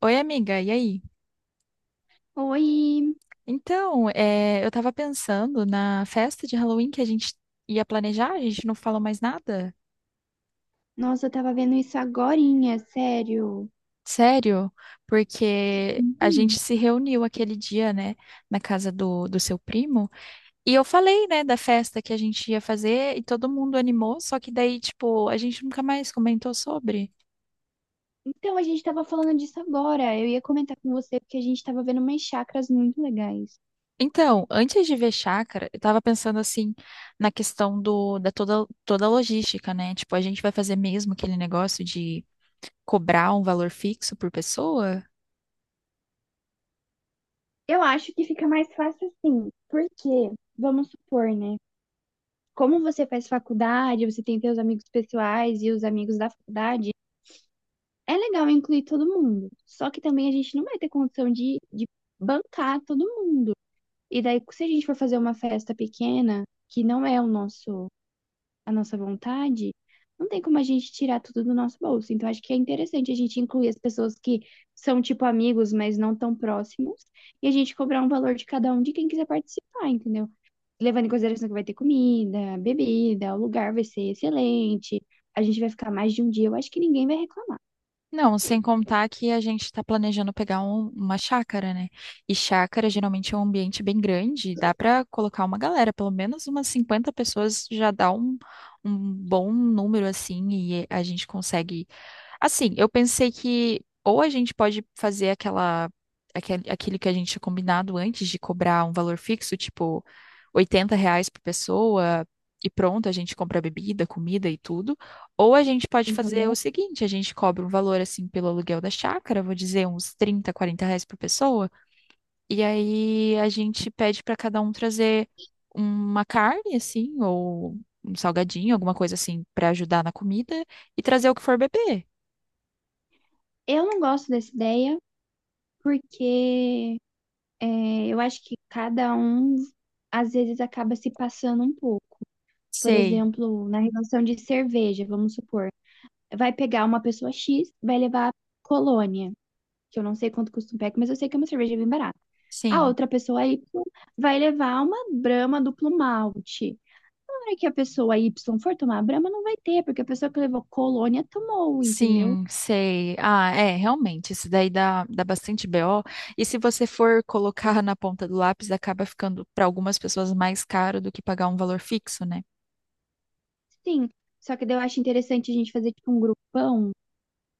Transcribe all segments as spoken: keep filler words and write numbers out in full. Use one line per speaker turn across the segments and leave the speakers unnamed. Oi, amiga, e aí?
Oi!
Então, é, eu tava pensando na festa de Halloween que a gente ia planejar, a gente não falou mais nada.
Nossa, eu tava vendo isso agorinha, sério.
Sério? Porque a gente
Uhum.
se reuniu aquele dia, né, na casa do, do seu primo, e eu falei, né, da festa que a gente ia fazer e todo mundo animou, só que daí, tipo, a gente nunca mais comentou sobre.
Então, a gente tava falando disso agora. Eu ia comentar com você porque a gente tava vendo umas chakras muito legais.
Então, antes de ver chácara, eu tava pensando assim na questão do, da toda, toda a logística, né? Tipo, a gente vai fazer mesmo aquele negócio de cobrar um valor fixo por pessoa?
Eu acho que fica mais fácil assim, porque, vamos supor, né? Como você faz faculdade, você tem seus amigos pessoais e os amigos da faculdade, é legal incluir todo mundo. Só que também a gente não vai ter condição de, de bancar todo mundo. E daí, se a gente for fazer uma festa pequena, que não é o nosso. A nossa vontade, não tem como a gente tirar tudo do nosso bolso. Então, acho que é interessante a gente incluir as pessoas que são, tipo, amigos, mas não tão próximos, e a gente cobrar um valor de cada um de quem quiser participar, entendeu? Levando em consideração que vai ter comida, bebida, o lugar vai ser excelente, a gente vai ficar mais de um dia, eu acho que ninguém vai reclamar.
Não, sem contar que a gente está planejando pegar um- uma chácara, né? E chácara geralmente é um ambiente bem grande, dá para colocar uma galera, pelo menos umas cinquenta pessoas já dá um, um bom número assim, e a gente consegue. Assim, eu pensei que ou a gente pode fazer aquela, aquele, aquele que a gente tinha combinado antes de cobrar um valor fixo, tipo oitenta reais por pessoa, e pronto, a gente compra bebida, comida e tudo. Ou a gente pode fazer o
Uhum.
seguinte, a gente cobra um valor assim pelo aluguel da chácara, vou dizer uns trinta quarenta reais por pessoa, e aí a gente pede para cada um trazer uma carne, assim, ou um salgadinho, alguma coisa assim, para ajudar na comida, e trazer o que for beber.
Eu não gosto dessa ideia porque é, eu acho que cada um, às vezes, acaba se passando um pouco. Por
Sei.
exemplo, na relação de cerveja, vamos supor, vai pegar uma pessoa X, vai levar Colônia, que eu não sei quanto custa um pack, mas eu sei que é uma cerveja bem barata. A
Sim,
outra pessoa Y vai levar uma Brahma duplo malte. Na hora que a pessoa Y for tomar a Brahma, não vai ter, porque a pessoa que levou Colônia tomou, entendeu?
sim, sei. Ah, é, realmente, isso daí dá, dá bastante B O. E se você for colocar na ponta do lápis, acaba ficando para algumas pessoas mais caro do que pagar um valor fixo, né?
Sim. Só que daí eu acho interessante a gente fazer tipo um grupão,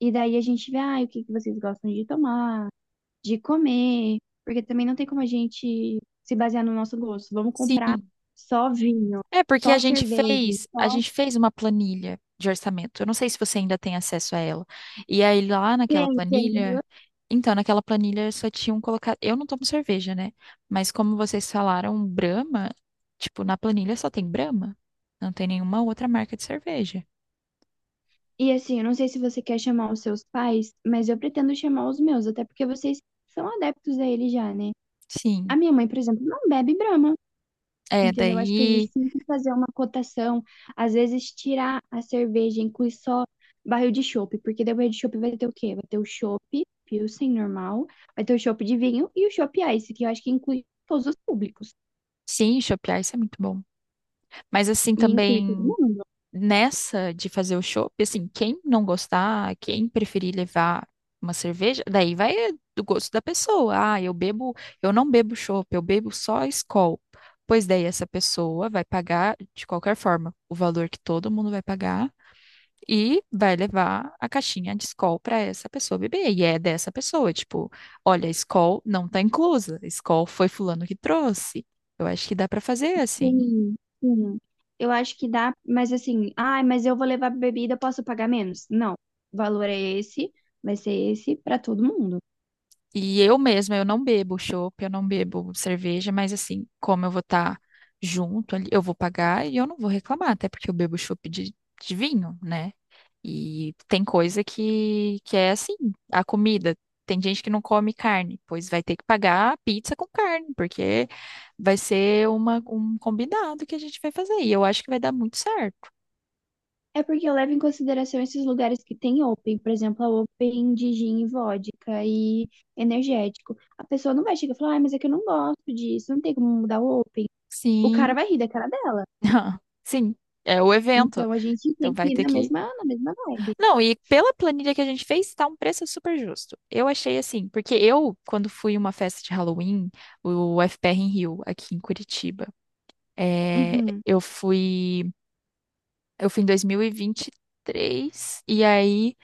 e daí a gente vê, ah, o que que vocês gostam de tomar, de comer, porque também não tem como a gente se basear no nosso gosto. Vamos comprar
Sim.
só vinho,
É porque a
só
gente
cerveja,
fez, a
só.
gente fez uma planilha de orçamento. Eu não sei se você ainda tem acesso a ela. E aí lá naquela
Tem, tem.
planilha, então naquela planilha só tinham colocado, eu não tomo cerveja, né? Mas como vocês falaram Brahma, tipo, na planilha só tem Brahma, não tem nenhuma outra marca de cerveja.
E assim, eu não sei se você quer chamar os seus pais, mas eu pretendo chamar os meus, até porque vocês são adeptos a ele já, né? A
Sim.
minha mãe, por exemplo, não bebe Brahma.
É,
Entendeu? Acho que a gente
daí,
tem que fazer uma cotação, às vezes tirar a cerveja, inclui só barril de chopp, porque daí o barril de chopp vai ter o quê? Vai ter o chopp Pilsen normal, vai ter o chopp de vinho e o chopp Ice, que eu acho que inclui todos os públicos
sim, chopear, isso é muito bom. Mas assim
e inclui todo
também
mundo.
nessa de fazer o chopp, assim, quem não gostar, quem preferir levar uma cerveja, daí vai do gosto da pessoa. Ah, eu bebo, eu não bebo chopp, eu bebo só Skol. Pois daí essa pessoa vai pagar de qualquer forma o valor que todo mundo vai pagar e vai levar a caixinha de Skol para essa pessoa beber. E é dessa pessoa, tipo, olha, Skol não tá inclusa, Skol foi fulano que trouxe. Eu acho que dá para fazer assim.
Sim, sim. Eu acho que dá, mas assim, ah mas eu vou levar bebida, posso pagar menos? Não, o valor é esse, vai ser esse para todo mundo.
E eu mesma, eu não bebo chopp, eu não bebo cerveja, mas assim, como eu vou estar junto ali, eu vou pagar e eu não vou reclamar, até porque eu bebo chopp de, de vinho, né? E tem coisa que, que é assim, a comida. Tem gente que não come carne, pois vai ter que pagar a pizza com carne, porque vai ser uma, um combinado que a gente vai fazer. E eu acho que vai dar muito certo.
É porque eu levo em consideração esses lugares que tem Open, por exemplo, a Open de gin e vodka e energético. A pessoa não vai chegar e falar, ah, mas é que eu não gosto disso, não tem como mudar o Open. O cara
Sim,
vai rir da cara dela.
sim, é o evento.
Então a gente
Então
tem
vai
que ir
ter
na
que.
mesma, na mesma vibe.
Não, e pela planilha que a gente fez, tá um preço super justo. Eu achei assim, porque eu, quando fui uma festa de Halloween, o F P R em Rio, aqui em Curitiba, é,
Uhum.
eu fui, eu fui em dois mil e vinte e três, e vinte e três, e aí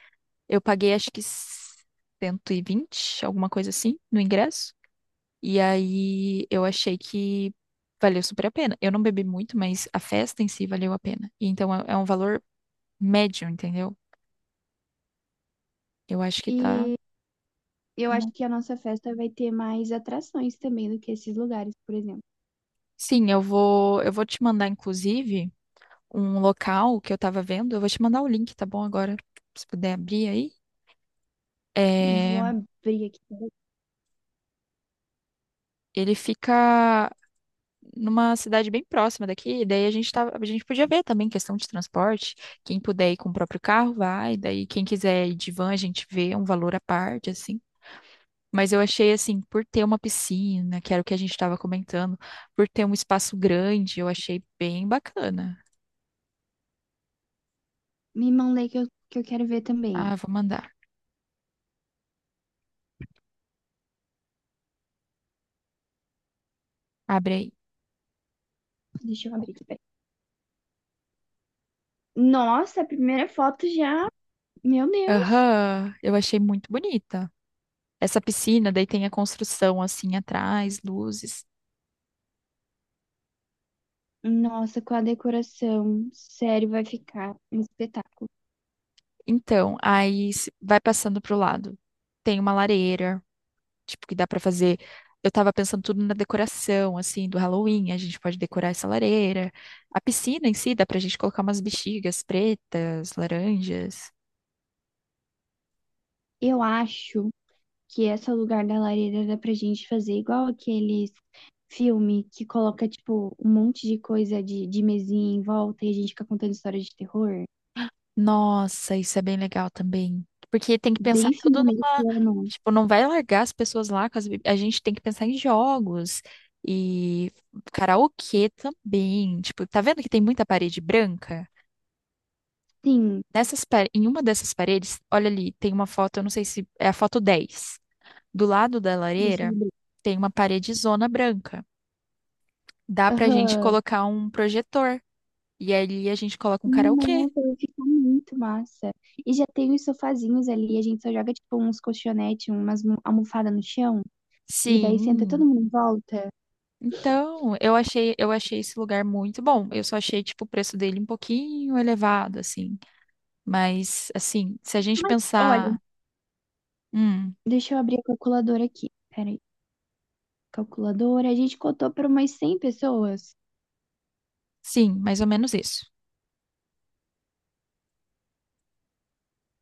eu paguei acho que cento e vinte, alguma coisa assim, no ingresso. E aí eu achei que valeu super a pena. Eu não bebi muito, mas a festa em si valeu a pena. E então é é um valor médio, entendeu? Eu acho que tá,
E
tá
eu acho
bom.
que a nossa festa vai ter mais atrações também do que esses lugares, por exemplo.
Sim, eu vou, eu vou te mandar, inclusive, um local que eu tava vendo. Eu vou te mandar o link, tá bom? Agora, se puder abrir aí.
Vou
É,
abrir aqui.
ele fica numa cidade bem próxima daqui. E daí a gente tava, a gente podia ver também questão de transporte. Quem puder ir com o próprio carro, vai. Daí quem quiser ir de van, a gente vê um valor à parte, assim. Mas eu achei assim, por ter uma piscina, que era o que a gente estava comentando, por ter um espaço grande, eu achei bem bacana.
Me mandei que eu, que eu quero ver também.
Ah, vou mandar. Abre aí.
Deixa eu abrir aqui. Peraí. Nossa, a primeira foto já. Meu Deus.
Aham, eu achei muito bonita. Essa piscina, daí tem a construção assim atrás, luzes.
Nossa, com a decoração, sério, vai ficar um espetáculo.
Então, aí se- vai passando pro lado. Tem uma lareira, tipo, que dá pra fazer. Eu tava pensando tudo na decoração, assim, do Halloween. A gente pode decorar essa lareira. A piscina em si, dá pra gente colocar umas bexigas pretas, laranjas.
Eu acho que esse lugar da lareira dá pra gente fazer igual aqueles filme que coloca, tipo, um monte de coisa de, de mesinha em volta e a gente fica contando história de terror.
Nossa, isso é bem legal também. Porque tem que pensar
Bem filme
tudo numa.
americano.
Tipo, não vai largar as pessoas lá com as bi- a gente tem que pensar em jogos e karaokê também. Tipo, tá vendo que tem muita parede branca?
Sim,
Nessas, pa- em uma dessas paredes, olha ali, tem uma foto, eu não sei se é a foto dez. Do lado da
deixa
lareira
eu ver.
tem uma parede zona branca. Dá pra gente
Aham.
colocar um projetor. E ali a gente coloca um karaokê.
Nossa, vai ficar muito massa. E já tem os sofazinhos ali, a gente só joga, tipo, uns colchonetes, umas almofadas no chão, e daí senta todo
Sim.
mundo em volta.
Então, eu achei, eu achei esse lugar muito bom. Eu só achei, tipo, o preço dele um pouquinho elevado, assim. Mas, assim, se a gente
Mas olha.
pensar, hum,
Deixa eu abrir a calculadora aqui. Peraí. Calculadora. A gente cotou para umas cem pessoas.
sim, mais ou menos isso.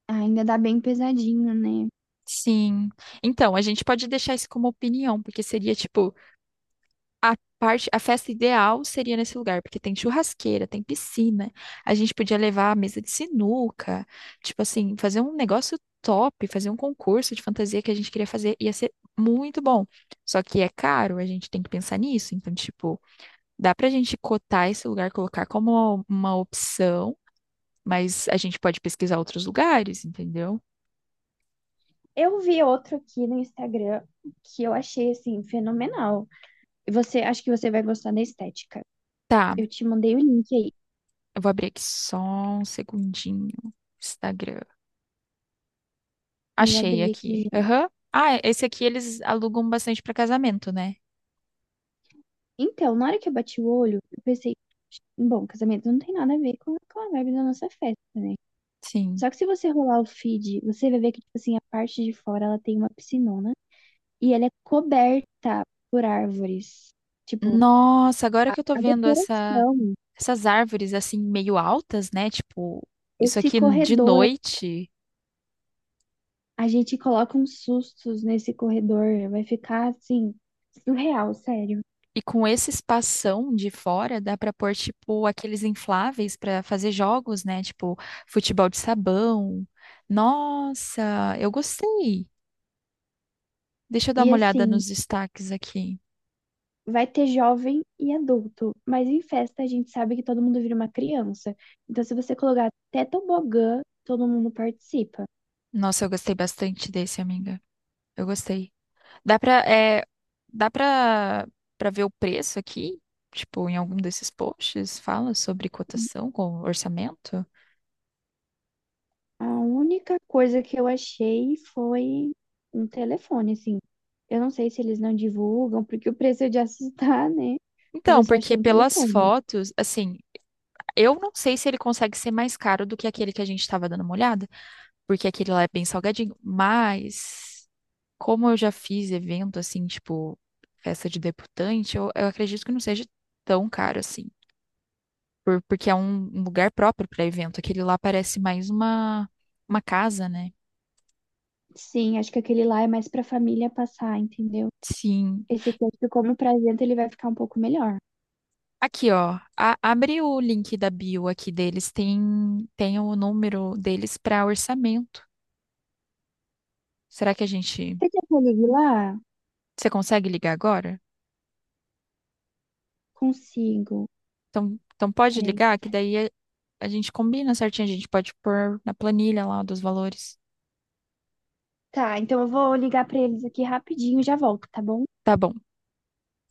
Ah, ainda dá bem pesadinho, né?
Sim. Então, a gente pode deixar isso como opinião, porque seria, tipo, a parte, a festa ideal seria nesse lugar, porque tem churrasqueira, tem piscina. A gente podia levar a mesa de sinuca, tipo assim, fazer um negócio top, fazer um concurso de fantasia que a gente queria fazer, ia ser muito bom. Só que é caro, a gente tem que pensar nisso. Então, tipo, dá pra gente cotar esse lugar, colocar como uma opção, mas a gente pode pesquisar outros lugares, entendeu?
Eu vi outro aqui no Instagram que eu achei, assim, fenomenal. E você, acho que você vai gostar da estética.
Tá,
Eu te mandei o link aí.
eu vou abrir aqui só um segundinho. Instagram.
E eu
Achei
abri aqui.
aqui. Aham. Ah, esse aqui eles alugam bastante para casamento, né?
Então, na hora que eu bati o olho, eu pensei, bom, casamento não tem nada a ver com, com a vibe da nossa festa.
Sim.
Só que se você rolar o feed, você vai ver que, tipo assim, a parte de fora, ela tem uma piscinona. E ela é coberta por árvores. Tipo,
Nossa, agora que eu tô
a
vendo essa,
decoração,
essas árvores assim meio altas, né? Tipo, isso
esse
aqui de
corredor,
noite
a gente coloca uns sustos nesse corredor, vai ficar assim, surreal, sério.
e com esse espação de fora dá pra pôr tipo aqueles infláveis pra fazer jogos, né? Tipo, futebol de sabão. Nossa, eu gostei. Deixa eu dar
E
uma olhada
assim,
nos destaques aqui.
vai ter jovem e adulto, mas em festa a gente sabe que todo mundo vira uma criança. Então, se você colocar até tobogã, todo mundo participa.
Nossa, eu gostei bastante desse, amiga. Eu gostei. Dá pra, é, dá pra, pra ver o preço aqui? Tipo, em algum desses posts fala sobre cotação com orçamento?
A única coisa que eu achei foi um telefone, assim. Eu não sei se eles não divulgam, porque o preço é de assustar, né? Mas eu
Então,
só achei
porque
um
pelas
telefone.
fotos, assim, eu não sei se ele consegue ser mais caro do que aquele que a gente estava dando uma olhada, porque aquele lá é bem salgadinho, mas como eu já fiz evento assim, tipo, festa de debutante, eu, eu acredito que não seja tão caro assim, por- porque é um, um lugar próprio para evento. Aquele lá parece mais uma, uma casa, né?
Sim, acho que aquele lá é mais pra família passar, entendeu?
Sim.
Esse aqui, acho que como presente, ele vai ficar um pouco melhor.
Aqui, ó. A- abre o link da bio aqui deles. Tem, tem o número deles para orçamento. Será que a gente.
Você quer que eu ligue lá?
Você consegue ligar agora?
Consigo.
Então, então pode
Peraí.
ligar, que daí a, a gente combina certinho. A gente pode pôr na planilha lá dos valores.
Tá, então eu vou ligar pra eles aqui rapidinho e já volto, tá bom?
Tá bom.